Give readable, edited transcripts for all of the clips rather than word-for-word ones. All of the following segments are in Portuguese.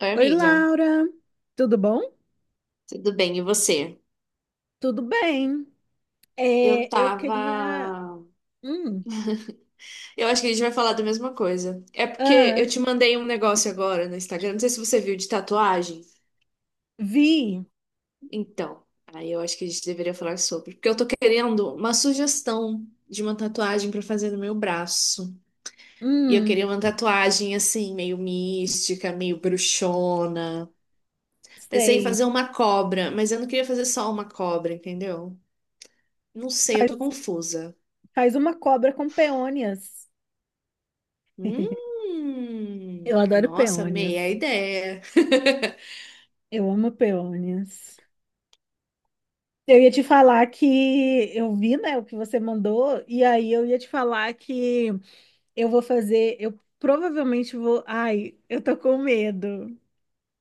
Oi, Oi, amiga. Laura, tudo bom? Tudo bem, e você? Tudo bem. Eu É, eu tava. queria. Hum, Eu acho que a gente vai falar da mesma coisa. É porque eu ah, te mandei um negócio agora no Instagram, não sei se você viu, de tatuagem. vi. Então, aí eu acho que a gente deveria falar sobre. Porque eu tô querendo uma sugestão de uma tatuagem pra fazer no meu braço. E eu Hum, queria uma tatuagem assim, meio mística, meio bruxona. Pensei em sei. fazer uma cobra, mas eu não queria fazer só uma cobra, entendeu? Não sei, eu tô Faz, confusa. faz uma cobra com peônias. Eu adoro Nossa, amei a peônias. ideia. Eu amo peônias. Eu ia te falar que eu vi, né, o que você mandou, e aí eu ia te falar que eu vou fazer. Eu provavelmente vou. Ai, eu tô com medo.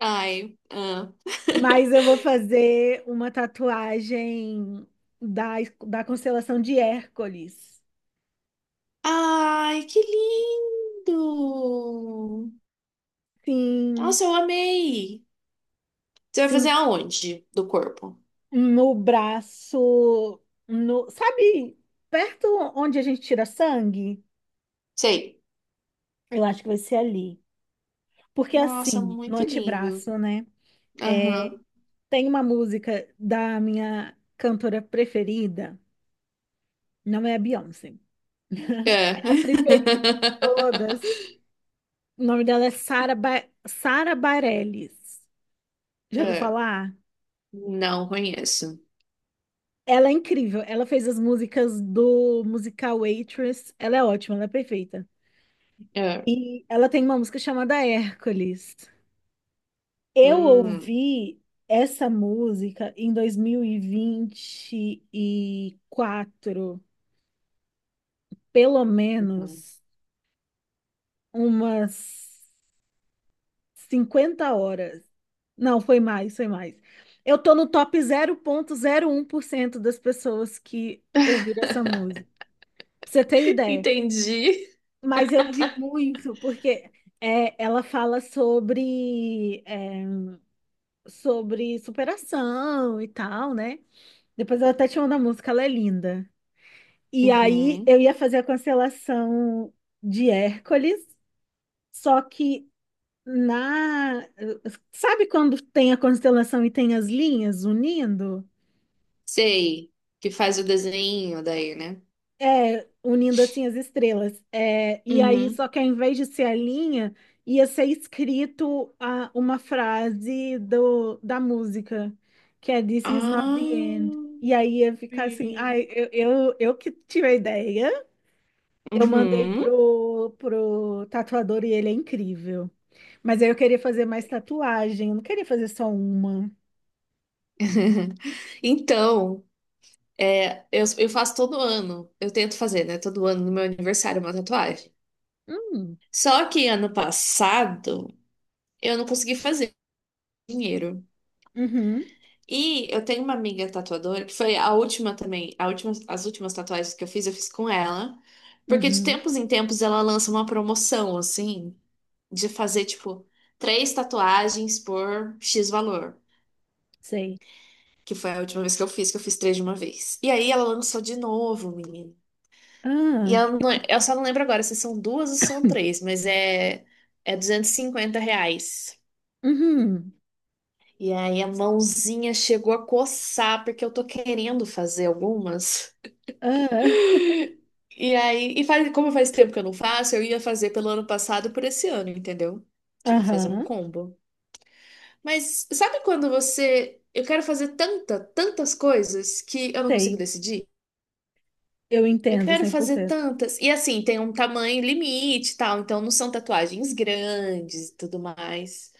Ai, ah. Mas eu vou fazer uma tatuagem da, da constelação de Hércules. Ai, que lindo! Sim, Nossa, eu amei. Você vai fazer sim, aonde do corpo? no braço, no, sabe, perto onde a gente tira sangue? Sei. Eu acho que vai ser ali. Porque Nossa, assim, no muito lindo. antebraço, né? É, Aham. tem uma música da minha cantora preferida, não é a Beyoncé. É É. a preferida de todas. O nome dela é Sara Bareilles. Já ouviu É. falar? Não conheço. Ela é incrível. Ela fez as músicas do musical Waitress. Ela é ótima, ela é perfeita. É. E ela tem uma música chamada Hércules. Eu Hum. ouvi essa música em 2024, pelo Uhum. menos umas 50 horas. Não, foi mais, foi mais. Eu tô no top 0,01% das pessoas que ouviram essa música. Pra você ter ideia. Entendi. Mas eu vi muito, porque é, ela fala sobre, é, sobre superação e tal, né? Depois ela até te manda a música, ela é linda. E aí eu Uhum. ia fazer a constelação de Hércules, só que na. Sabe quando tem a constelação e tem as linhas unindo? Sei. Que faz o desenho daí, né? É, unindo assim as estrelas. É, e aí, só Uhum. que ao invés de ser a linha, ia ser escrito uma frase da música, que é This is not the end. Ah, E aí ia ficar assim, sim. ai, eu que tive a ideia, eu mandei Uhum. pro tatuador e ele é incrível. Mas aí eu queria fazer mais tatuagem, eu não queria fazer só uma. Então, é, eu faço todo ano, eu tento fazer, né? Todo ano no meu aniversário uma tatuagem. Hum, Só que ano passado eu não consegui fazer dinheiro. uhum, E eu tenho uma amiga tatuadora que foi a última também, a última, as últimas tatuagens que eu fiz com ela. Porque de uhum, tempos em tempos ela lança uma promoção, assim, de fazer, tipo, três tatuagens por X valor. sei. Que foi a última vez que eu fiz três de uma vez. E aí ela lançou de novo, menino. E Ah, eu, eu só não lembro agora se são duas ou são três, mas é, é R$ 250. uhum, E aí a mãozinha chegou a coçar, porque eu tô querendo fazer algumas. ah. E aí, e faz, como faz tempo que eu não faço, eu ia fazer pelo ano passado e por esse ano, entendeu? Tipo, fazer um Aham, combo. Mas sabe quando você. Eu quero fazer tanta, tantas coisas que eu não consigo sei. decidir? Eu Eu entendo quero fazer 100%. tantas. E assim, tem um tamanho limite e tal, então não são tatuagens grandes e tudo mais.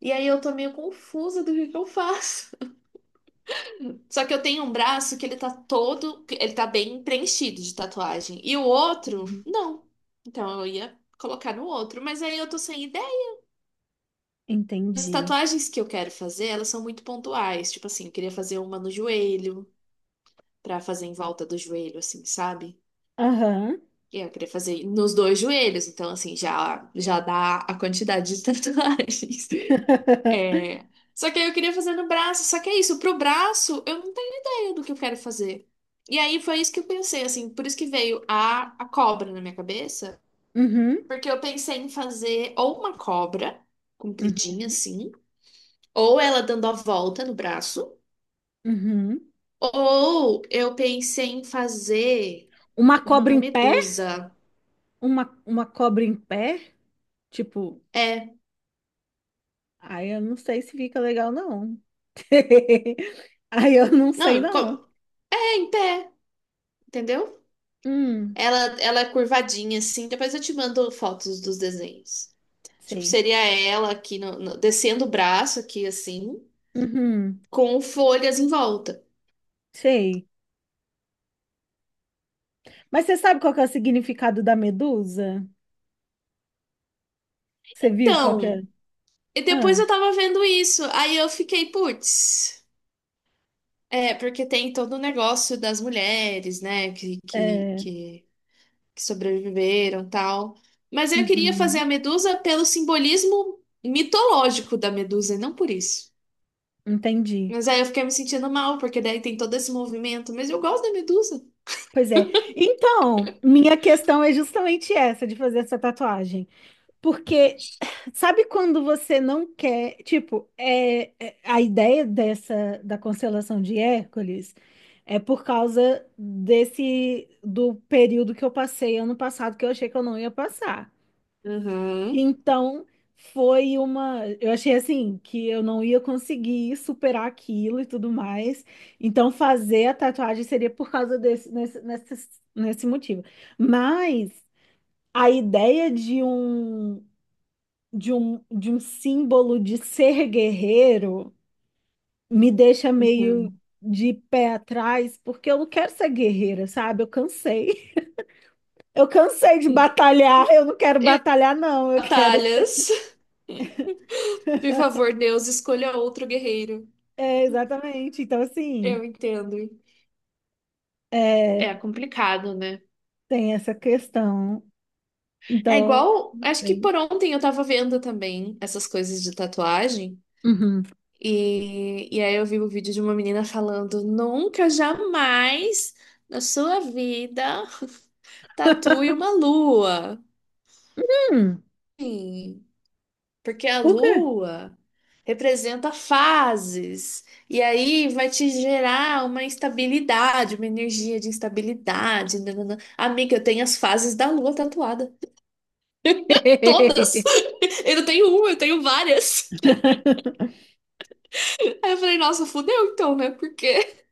E aí eu tô meio confusa do que eu faço. Só que eu tenho um braço que ele tá todo, ele tá bem preenchido de tatuagem. E o outro, Uhum. não. Então eu ia colocar no outro, mas aí eu tô sem ideia. As Entendi. tatuagens que eu quero fazer, elas são muito pontuais. Tipo assim, eu queria fazer uma no joelho, pra fazer em volta do joelho, assim, sabe? Aham. Eu queria fazer nos dois joelhos, então assim, já, já dá a quantidade de tatuagens. É, só que aí eu queria fazer no braço, só que é isso, pro braço eu não tenho ideia do que eu quero fazer. E aí foi isso que eu pensei, assim, por isso que veio a cobra na minha cabeça, Uhum. porque eu pensei em fazer ou uma cobra compridinha Uhum. assim, ou ela dando a volta no braço, Uhum. ou eu pensei em fazer Uma uma cobra em pé? medusa. Uma cobra em pé? Tipo, É, aí eu não sei se fica legal, não. Aí eu não sei, não, não. É em pé, entendeu? Hum, Ela é curvadinha, assim. Depois eu te mando fotos dos desenhos. Tipo, sei. seria ela aqui, descendo o braço aqui, assim, Uhum, com folhas em volta. sei. Mas você sabe qual que é o significado da medusa? Você viu qual que é? Então, e depois Ah, eu tava vendo isso. Aí eu fiquei, putz. É, porque tem todo o negócio das mulheres, né, é. Que sobreviveram e tal. Mas eu queria fazer Uhum, a Medusa pelo simbolismo mitológico da Medusa, e não por isso. entendi. Mas aí eu fiquei me sentindo mal, porque daí tem todo esse movimento. Mas eu gosto da Medusa. Pois é. Então, minha questão é justamente essa de fazer essa tatuagem. Porque sabe quando você não quer, tipo, a ideia dessa da constelação de Hércules é por causa desse do período que eu passei ano passado que eu achei que eu não ia passar. Uhum, Então, foi uma. Eu achei assim que eu não ia conseguir superar aquilo e tudo mais. Então, fazer a tatuagem seria por causa nesse motivo. Mas a ideia de um símbolo de ser guerreiro me deixa meio uhum. de pé atrás, porque eu não quero ser guerreira, sabe? Eu cansei. Eu cansei de batalhar. Eu não quero E batalhar, não. Eu quero. batalhas. Por favor, Deus, escolha outro guerreiro. É, exatamente. Então, Eu assim. entendo. É, É complicado, né? tem essa questão. É Então, igual. Acho que assim, por ontem eu tava vendo também essas coisas de tatuagem. uhum. E aí eu vi o vídeo de uma menina falando: nunca, jamais na sua vida tatue uma lua. Hum, Sim, porque a por quê? lua. Representa fases, e aí vai te gerar uma instabilidade, uma energia de instabilidade. Nananã. Amiga, eu tenho as fases da lua tatuada. Todas! Eu não tenho uma, eu tenho várias. Aí eu falei, nossa, fudeu então, né? Porque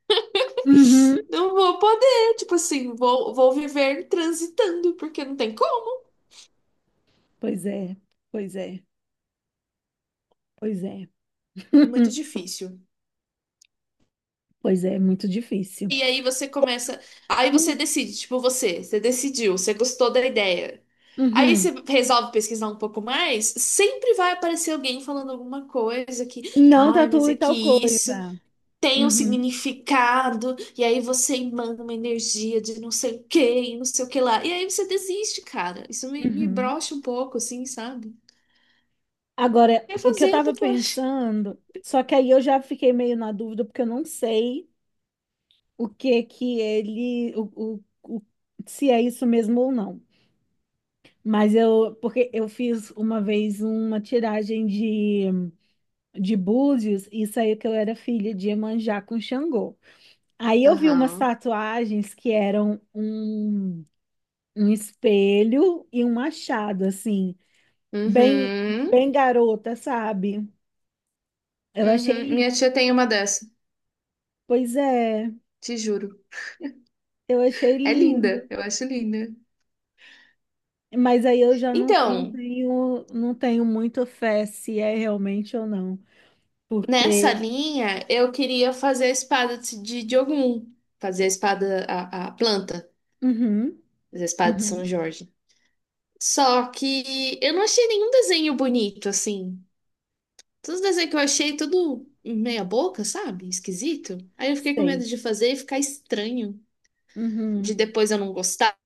Uhum. não vou poder, tipo assim, vou, vou viver transitando, porque não tem como. Pois é, pois é, pois é. Muito difícil. Pois é, muito difícil. E aí você começa. Aí você Hum, decide, tipo, você decidiu, você gostou da ideia. Aí uhum. você resolve pesquisar um pouco mais, sempre vai aparecer alguém falando alguma coisa que, Não ai, mas tatue é que tal isso coisa. tem um Uhum, significado, e aí você manda uma energia de não sei o que, e não sei o que lá. E aí você desiste, cara. Isso me uhum. brocha um pouco, assim, sabe? Agora, Quer o que eu fazer a tava tatuagem. pensando, só que aí eu já fiquei meio na dúvida, porque eu não sei o que que ele, se é isso mesmo ou não. Mas porque eu fiz uma vez uma tiragem de búzios e saiu que eu era filha de Iemanjá com Xangô. Aí eu vi umas Aham. tatuagens que eram um espelho e um machado, assim, bem, Uhum. bem garota, sabe? Eu achei Uhum. lindo. Minha tia tem uma dessa, Pois é, te juro. eu achei É linda, lindo. eu acho linda. Mas aí eu já não, não Então, tenho, não tenho muita fé se é realmente ou não. nessa Porque. linha, eu queria fazer a espada de Diogun, fazer a espada, a planta, Uhum, fazer a espada de uhum, São Jorge. Só que eu não achei nenhum desenho bonito, assim. Todos os desenhos que eu achei, tudo meia boca, sabe? Esquisito. Aí eu fiquei com medo sei. de fazer e ficar estranho, de Uhum, depois eu não gostar,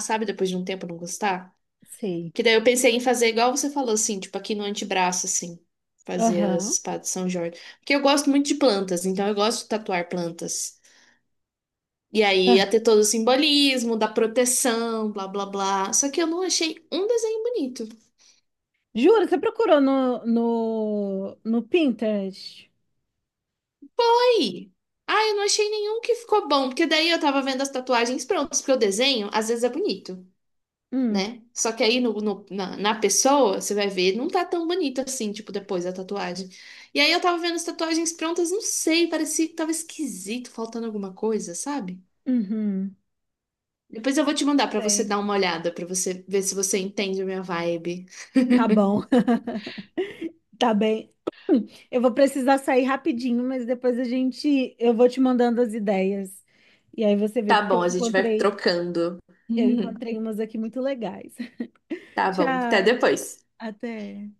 sabe? Depois de um tempo eu não gostar. sei. Que daí eu pensei em fazer igual você falou, assim, tipo aqui no antebraço, assim, fazer as Aham. espadas de São Jorge. Porque eu gosto muito de plantas, então eu gosto de tatuar plantas. E aí Aham. ia ter todo o simbolismo da proteção, blá blá blá. Só que eu não achei um desenho bonito. Juro, você procurou no Pinterest? Aí, ah, eu não achei nenhum que ficou bom, porque daí eu tava vendo as tatuagens prontas, porque o desenho às vezes é bonito. Hum, Né? Só que aí na pessoa, você vai ver, não tá tão bonito assim, tipo, depois da tatuagem. E aí eu tava vendo as tatuagens prontas, não sei, parecia que tava esquisito, faltando alguma coisa, sabe? uhum, Depois eu vou te mandar pra você sei. dar uma olhada, pra você ver se você entende a minha vibe. Tá bom. Tá bem. Eu vou precisar sair rapidinho, mas depois a gente, eu vou te mandando as ideias. E aí você vê, Tá porque bom, eu a gente vai encontrei, trocando. eu encontrei umas aqui muito legais. Tá bom, até Tchau, depois. até.